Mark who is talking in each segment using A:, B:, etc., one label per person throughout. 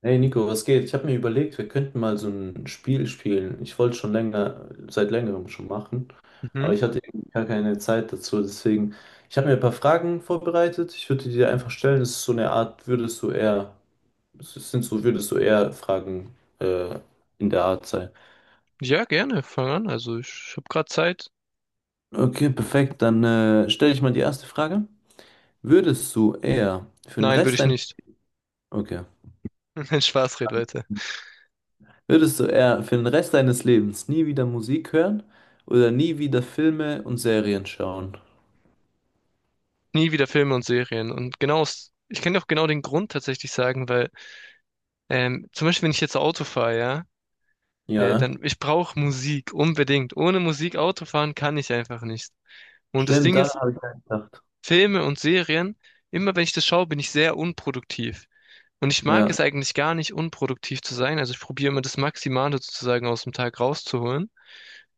A: Hey Nico, was geht? Ich habe mir überlegt, wir könnten mal so ein Spiel spielen. Ich wollte schon länger, seit längerem schon machen,
B: Mhm.
A: aber ich hatte irgendwie gar keine Zeit dazu. Deswegen, ich habe mir ein paar Fragen vorbereitet. Ich würde die dir einfach stellen. Es ist so eine Art, würdest du eher, es sind so, würdest du eher Fragen äh, in der Art sein.
B: Ja, gerne. Fang an. Also ich habe gerade Zeit.
A: Okay, perfekt. Dann stelle ich mal die erste Frage. Würdest du eher für den
B: Nein, würde
A: Rest
B: ich
A: deines...
B: nicht.
A: Okay.
B: Spaß, red weiter.
A: Würdest du eher für den Rest deines Lebens nie wieder Musik hören oder nie wieder Filme und Serien schauen?
B: Nie wieder Filme und Serien. Und genau, ich kann dir auch genau den Grund tatsächlich sagen, weil zum Beispiel, wenn ich jetzt Auto fahre, ja, äh,
A: Ja,
B: dann ich brauche Musik unbedingt. Ohne Musik Auto fahren kann ich einfach nicht. Und das
A: stimmt,
B: Ding
A: da
B: ist,
A: habe ich dran gedacht.
B: Filme und Serien, immer wenn ich das schaue, bin ich sehr unproduktiv. Und ich mag
A: Ja.
B: es eigentlich gar nicht, unproduktiv zu sein. Also ich probiere immer das Maximale sozusagen aus dem Tag rauszuholen.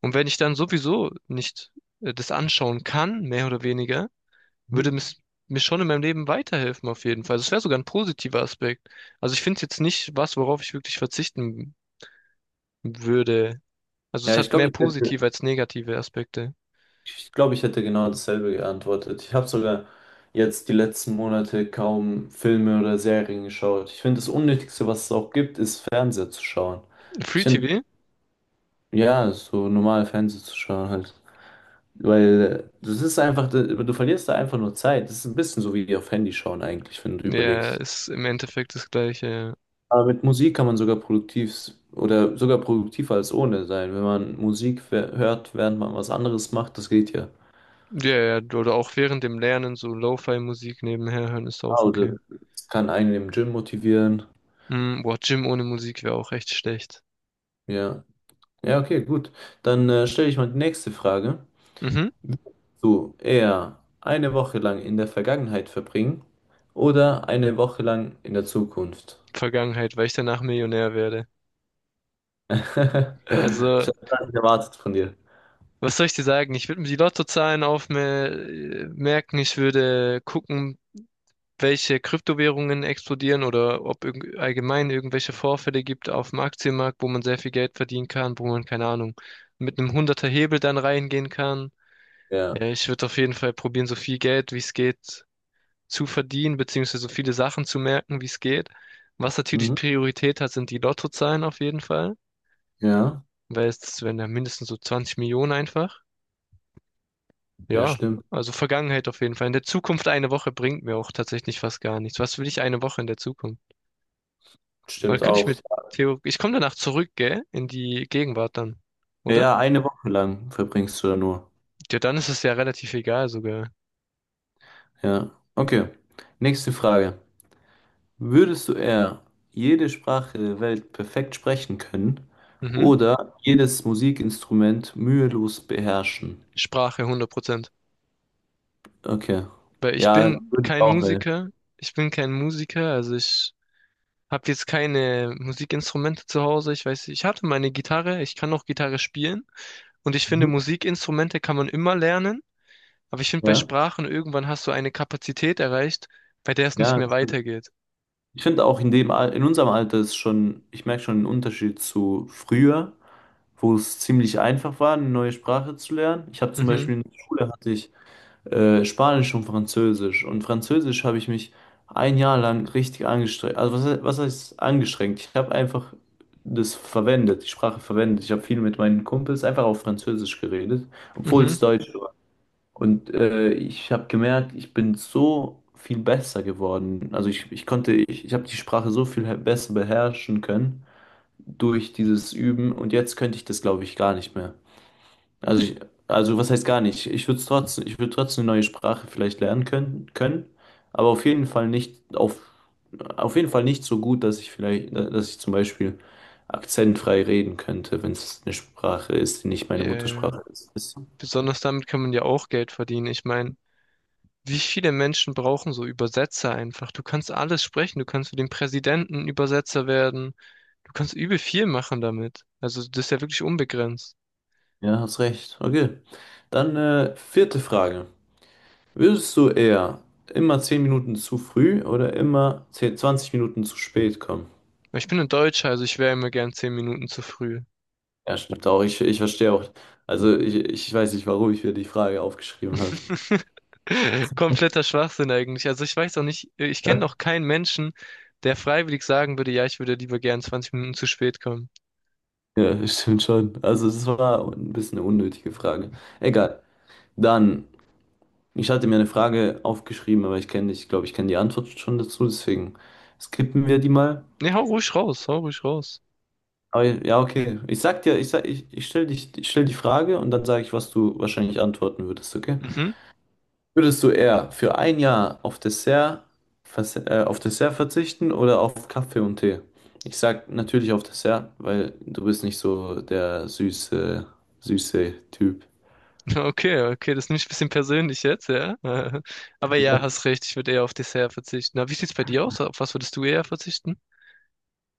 B: Und wenn ich dann sowieso nicht das anschauen kann, mehr oder weniger,
A: Mhm.
B: würde es mir schon in meinem Leben weiterhelfen, auf jeden Fall. Das wäre sogar ein positiver Aspekt. Also ich finde es jetzt nicht was, worauf ich wirklich verzichten würde. Also es
A: Ja, ich
B: hat mehr
A: glaube, ich hätte,
B: positive als negative Aspekte.
A: ich glaube, ich hätte genau dasselbe geantwortet. Ich habe sogar jetzt die letzten Monate kaum Filme oder Serien geschaut. Ich finde, das Unnötigste, was es auch gibt, ist Fernseher zu schauen. Ich
B: Free
A: finde,
B: TV,
A: ja, so normal Fernseher zu schauen halt. Weil das ist einfach, du verlierst da einfach nur Zeit. Das ist ein bisschen so wie auf Handy schauen eigentlich, wenn du
B: ja,
A: überlegst.
B: ist im Endeffekt das Gleiche.
A: Aber mit Musik kann man sogar produktiv oder sogar produktiver als ohne sein. Wenn man Musik hört, während man was anderes macht, das geht ja.
B: Ja, ja, ja, oder auch während dem Lernen so Lo-Fi-Musik nebenher hören ist
A: Ah,
B: auch okay.
A: oder es kann einen im Gym motivieren.
B: Mm, boah, Gym ohne Musik wäre auch echt schlecht.
A: Ja. Ja, okay, gut. Dann stelle ich mal die nächste Frage.
B: Mhm.
A: Du eher eine Woche lang in der Vergangenheit verbringen oder eine Woche lang in der Zukunft?
B: Vergangenheit, weil ich danach Millionär werde.
A: Das
B: Also,
A: habe ich gar nicht erwartet von dir.
B: was soll ich dir sagen? Ich würde mir die Lottozahlen aufmerken. Ich würde gucken, welche Kryptowährungen explodieren oder ob irg allgemein irgendwelche Vorfälle gibt auf dem Aktienmarkt, wo man sehr viel Geld verdienen kann, wo man, keine Ahnung, mit einem hunderter Hebel dann reingehen kann.
A: Ja.
B: Ja, ich würde auf jeden Fall probieren, so viel Geld, wie es geht, zu verdienen, beziehungsweise so viele Sachen zu merken, wie es geht. Was natürlich
A: Mhm.
B: Priorität hat, sind die Lottozahlen auf jeden Fall,
A: Ja,
B: weil es wären ja mindestens so 20 Millionen einfach.
A: ja,
B: Ja,
A: stimmt.
B: also Vergangenheit auf jeden Fall. In der Zukunft eine Woche bringt mir auch tatsächlich fast gar nichts. Was will ich eine Woche in der Zukunft? Weil
A: Stimmt
B: könnte ich
A: auch.
B: mit Theo, ich komme danach zurück, gell? In die Gegenwart dann,
A: Ja,
B: oder?
A: ja, eine Woche lang verbringst du da nur.
B: Ja, dann ist es ja relativ egal sogar.
A: Ja. Okay. Nächste Frage. Würdest du eher jede Sprache der Welt perfekt sprechen können
B: Mhm.
A: oder jedes Musikinstrument mühelos beherrschen?
B: Sprache 100%.
A: Okay.
B: Weil ich
A: Ja,
B: bin
A: würde ich
B: kein
A: auch wählen.
B: Musiker. Ich bin kein Musiker, also ich habe jetzt keine Musikinstrumente zu Hause. Ich weiß, ich hatte meine Gitarre, ich kann auch Gitarre spielen und ich finde,
A: Mhm.
B: Musikinstrumente kann man immer lernen. Aber ich finde, bei
A: Ja,
B: Sprachen irgendwann hast du eine Kapazität erreicht, bei der es nicht
A: ja.
B: mehr weitergeht.
A: Ich finde auch in dem Al in unserem Alter ist schon, ich merke schon einen Unterschied zu früher, wo es ziemlich einfach war, eine neue Sprache zu lernen. Ich habe zum
B: Mhm,
A: Beispiel in der Schule hatte ich Spanisch und Französisch. Und Französisch habe ich mich ein Jahr lang richtig angestrengt. Also was, was heißt angestrengt? Ich habe einfach die Sprache verwendet. Ich habe viel mit meinen Kumpels einfach auf Französisch geredet, obwohl es
B: mhm.
A: Deutsch war. Und ich habe gemerkt, ich bin so viel besser geworden. Also ich konnte, ich habe die Sprache so viel besser beherrschen können durch dieses Üben. Und jetzt könnte ich das, glaube ich, gar nicht mehr. Also ich, also was heißt gar nicht? Ich würde trotzdem eine neue Sprache vielleicht lernen können, aber auf jeden Fall nicht auf, auf jeden Fall nicht so gut, dass ich vielleicht, dass ich zum Beispiel akzentfrei reden könnte, wenn es eine Sprache ist, die nicht meine
B: Yeah.
A: Muttersprache ist. Weißt du?
B: Besonders damit kann man ja auch Geld verdienen. Ich meine, wie viele Menschen brauchen so Übersetzer einfach? Du kannst alles sprechen. Du kannst für den Präsidenten Übersetzer werden. Du kannst übel viel machen damit. Also, das ist ja wirklich unbegrenzt.
A: Ja, hast recht. Okay. Dann vierte Frage. Würdest du eher immer 10 Minuten zu früh oder immer 10, 20 Minuten zu spät kommen?
B: Aber ich bin ein Deutscher, also ich wäre immer gern 10 Minuten zu früh.
A: Ja, stimmt auch. Ich verstehe auch. Also ich weiß nicht, warum ich mir die Frage aufgeschrieben habe.
B: Kompletter Schwachsinn eigentlich. Also ich weiß auch nicht, ich kenne noch keinen Menschen, der freiwillig sagen würde, ja, ich würde lieber gern 20 Minuten zu spät kommen.
A: Ja, stimmt schon. Also es war ein bisschen eine unnötige Frage. Egal. Dann, ich hatte mir eine Frage aufgeschrieben, aber ich kenne, ich glaube, ich kenne die Antwort schon dazu, deswegen skippen wir die mal.
B: Nee, hau ruhig raus, hau ruhig raus.
A: Aber ja, ja, okay. Ich sag dir, ich sag, ich stell die Frage und dann sage ich, was du wahrscheinlich antworten würdest, okay?
B: Mhm.
A: Würdest du eher für ein Jahr auf Dessert, auf Dessert verzichten oder auf Kaffee und Tee? Ich sag natürlich auf Dessert, weil du bist nicht so der süße Typ.
B: Okay, okay, das ist ich ein bisschen persönlich jetzt, ja. Aber ja, hast recht, ich würde eher auf Dessert verzichten. Na, wie sieht's bei dir aus? Auf was würdest du eher verzichten?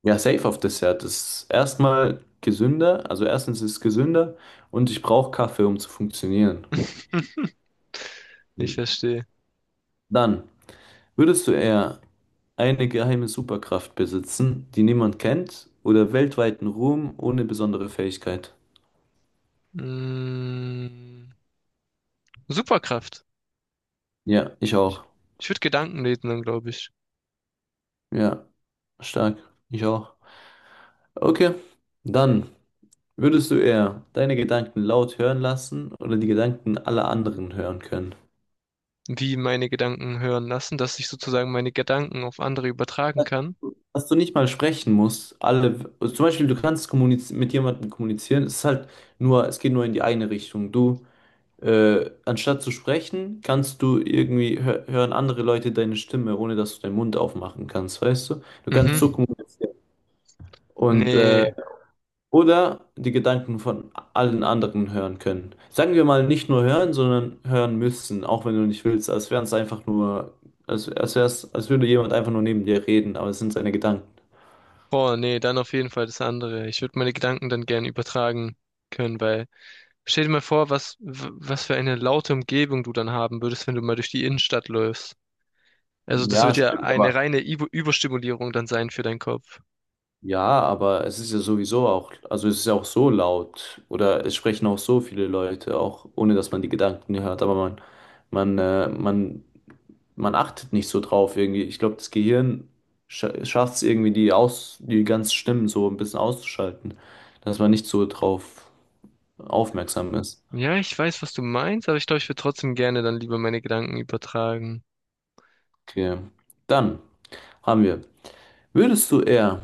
A: Ja, safe auf Dessert. Das ist erstmal gesünder. Also erstens ist es gesünder und ich brauche Kaffee, um zu funktionieren.
B: Ich verstehe.
A: Dann, würdest du eher eine geheime Superkraft besitzen, die niemand kennt, oder weltweiten Ruhm ohne besondere Fähigkeit?
B: Mm, Superkraft.
A: Ja, ich
B: Ich,
A: auch.
B: ich würde Gedanken lesen dann, glaube ich.
A: Ja. Stark, ich auch. Okay, dann würdest du eher deine Gedanken laut hören lassen oder die Gedanken aller anderen hören können?
B: Wie meine Gedanken hören lassen, dass ich sozusagen meine Gedanken auf andere übertragen kann.
A: Dass du nicht mal sprechen musst, alle, also zum Beispiel, du kannst mit jemandem kommunizieren, es ist halt nur, es geht nur in die eine Richtung. Du, anstatt zu sprechen, kannst du irgendwie hö hören andere Leute deine Stimme, ohne dass du deinen Mund aufmachen kannst, weißt du? Du kannst so
B: Mhm.
A: kommunizieren. Und
B: Nee.
A: oder die Gedanken von allen anderen hören können. Sagen wir mal nicht nur hören, sondern hören müssen, auch wenn du nicht willst. Als wären es einfach nur, als wär's, als würde jemand einfach nur neben dir reden, aber es sind seine Gedanken.
B: Boah, nee, dann auf jeden Fall das andere. Ich würde meine Gedanken dann gern übertragen können, weil stell dir mal vor, was für eine laute Umgebung du dann haben würdest, wenn du mal durch die Innenstadt läufst. Also das
A: Ja,
B: wird ja
A: stimmt,
B: eine
A: aber.
B: reine Überstimulierung dann sein für deinen Kopf.
A: Ja, aber es ist ja sowieso auch, also es ist ja auch so laut oder es sprechen auch so viele Leute, auch ohne dass man die Gedanken hört, aber man, man achtet nicht so drauf irgendwie. Ich glaube, das Gehirn schafft es irgendwie, die ganzen Stimmen so ein bisschen auszuschalten, dass man nicht so drauf aufmerksam ist.
B: Ja, ich weiß, was du meinst, aber ich glaube, ich würde trotzdem gerne dann lieber meine Gedanken übertragen.
A: Okay. Dann haben wir, würdest du eher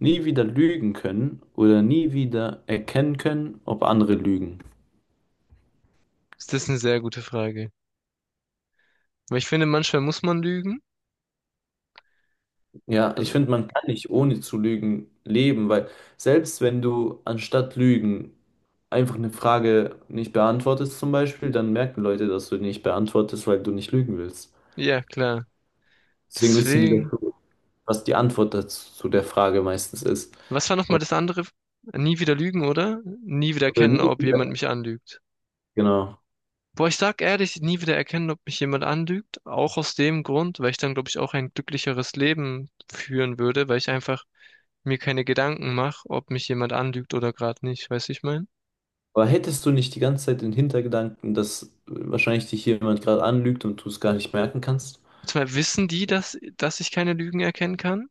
A: nie wieder lügen können oder nie wieder erkennen können, ob andere lügen?
B: Das ist eine sehr gute Frage. Weil ich finde, manchmal muss man lügen.
A: Ja, ich
B: Also
A: finde, man kann nicht ohne zu lügen leben, weil selbst wenn du anstatt lügen einfach eine Frage nicht beantwortest zum Beispiel, dann merken Leute, dass du nicht beantwortest, weil du nicht lügen willst.
B: ja, klar.
A: Deswegen wissen die, dass
B: Deswegen,
A: du- was die Antwort dazu, zu der Frage meistens ist.
B: was war nochmal
A: Und
B: das andere? Nie wieder lügen, oder? Nie wieder
A: oder
B: erkennen,
A: nie
B: ob jemand
A: wieder.
B: mich anlügt.
A: Genau.
B: Boah, ich sag ehrlich, nie wieder erkennen, ob mich jemand anlügt. Auch aus dem Grund, weil ich dann, glaube ich, auch ein glücklicheres Leben führen würde, weil ich einfach mir keine Gedanken mache, ob mich jemand anlügt oder gerade nicht. Weißt du, ich mein?
A: Aber hättest du nicht die ganze Zeit den Hintergedanken, dass wahrscheinlich dich jemand gerade anlügt und du es gar nicht merken kannst?
B: Zumal wissen die, dass ich keine Lügen erkennen kann?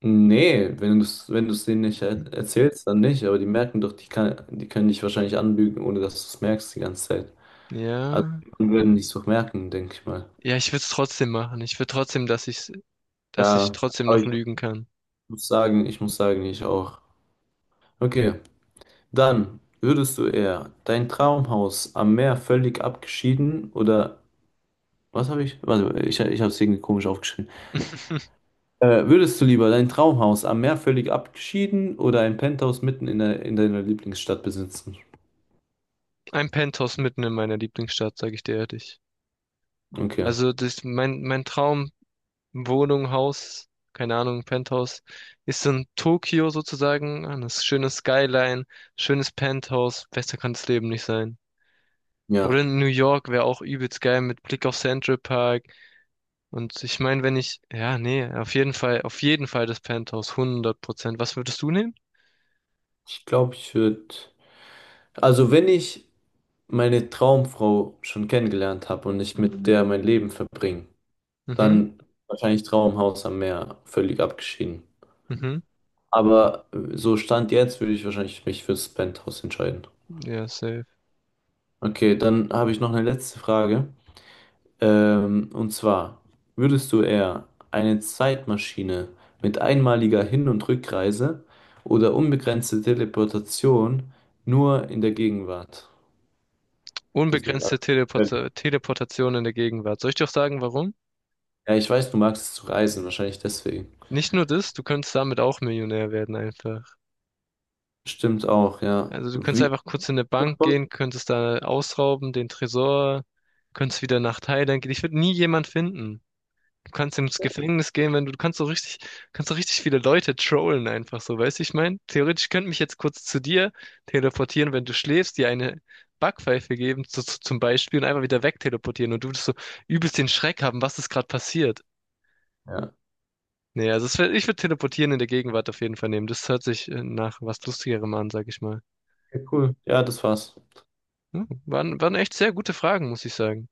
A: Nee, wenn du es wenn du's denen nicht er erzählst, dann nicht. Aber die merken doch, die können dich wahrscheinlich anlügen, ohne dass du es merkst die ganze Zeit. Also
B: Ja.
A: die würden dich doch merken, denke ich mal.
B: Ja, ich würde es trotzdem machen. Ich will trotzdem, dass ich
A: Ja,
B: trotzdem
A: aber
B: noch
A: ich
B: lügen kann.
A: muss sagen, ich muss sagen, ich auch. Okay, dann würdest du eher dein Traumhaus am Meer völlig abgeschieden oder was habe ich? Warte, ich habe es irgendwie komisch aufgeschrieben. Würdest du lieber dein Traumhaus am Meer völlig abgeschieden oder ein Penthouse in deiner Lieblingsstadt besitzen?
B: Ein Penthouse mitten in meiner Lieblingsstadt, sage ich dir ehrlich.
A: Okay.
B: Also das, mein Traum, Wohnung, Haus, keine Ahnung, Penthouse, ist in Tokio sozusagen, eine schöne Skyline, schönes Penthouse, besser kann das Leben nicht sein. Oder
A: Ja.
B: in New York wäre auch übelst geil mit Blick auf Central Park. Und ich meine, wenn ich, ja, nee, auf jeden Fall das Penthouse, 100%. Was würdest du nehmen?
A: Ich glaube, ich würde. Also, wenn ich meine Traumfrau schon kennengelernt habe und ich mit der mein Leben verbringe,
B: Mhm,
A: dann wahrscheinlich Traumhaus am Meer, völlig abgeschieden.
B: mhm,
A: Aber so Stand jetzt würde ich wahrscheinlich mich fürs Penthouse entscheiden.
B: ja, safe.
A: Okay, dann habe ich noch eine letzte Frage. Und zwar, würdest du eher eine Zeitmaschine mit einmaliger Hin- und Rückreise oder unbegrenzte Teleportation nur in der Gegenwart besitzen?
B: Unbegrenzte Teleport Teleportation in der Gegenwart. Soll ich dir auch sagen, warum?
A: Ja, ich weiß, du magst es zu reisen, wahrscheinlich deswegen.
B: Nicht nur das, du könntest damit auch Millionär werden einfach.
A: Stimmt auch, ja.
B: Also du könntest
A: Wie?
B: einfach kurz in eine Bank gehen, könntest da ausrauben, den Tresor, könntest wieder nach Thailand gehen. Ich würde nie jemand finden. Du kannst ins Gefängnis gehen, wenn du, du kannst so richtig viele Leute trollen einfach so, weißt du, ich meine? Theoretisch könnte mich jetzt kurz zu dir teleportieren, wenn du schläfst, dir eine Backpfeife geben, so, so, zum Beispiel, und einfach wieder wegteleportieren und du würdest so übelst den Schreck haben, was ist gerade passiert.
A: Ja,
B: Nee, also es wär, ich würde teleportieren in der Gegenwart auf jeden Fall nehmen. Das hört sich nach was Lustigerem an, sag ich mal.
A: okay, cool. Ja, das war's.
B: Ja, waren echt sehr gute Fragen, muss ich sagen.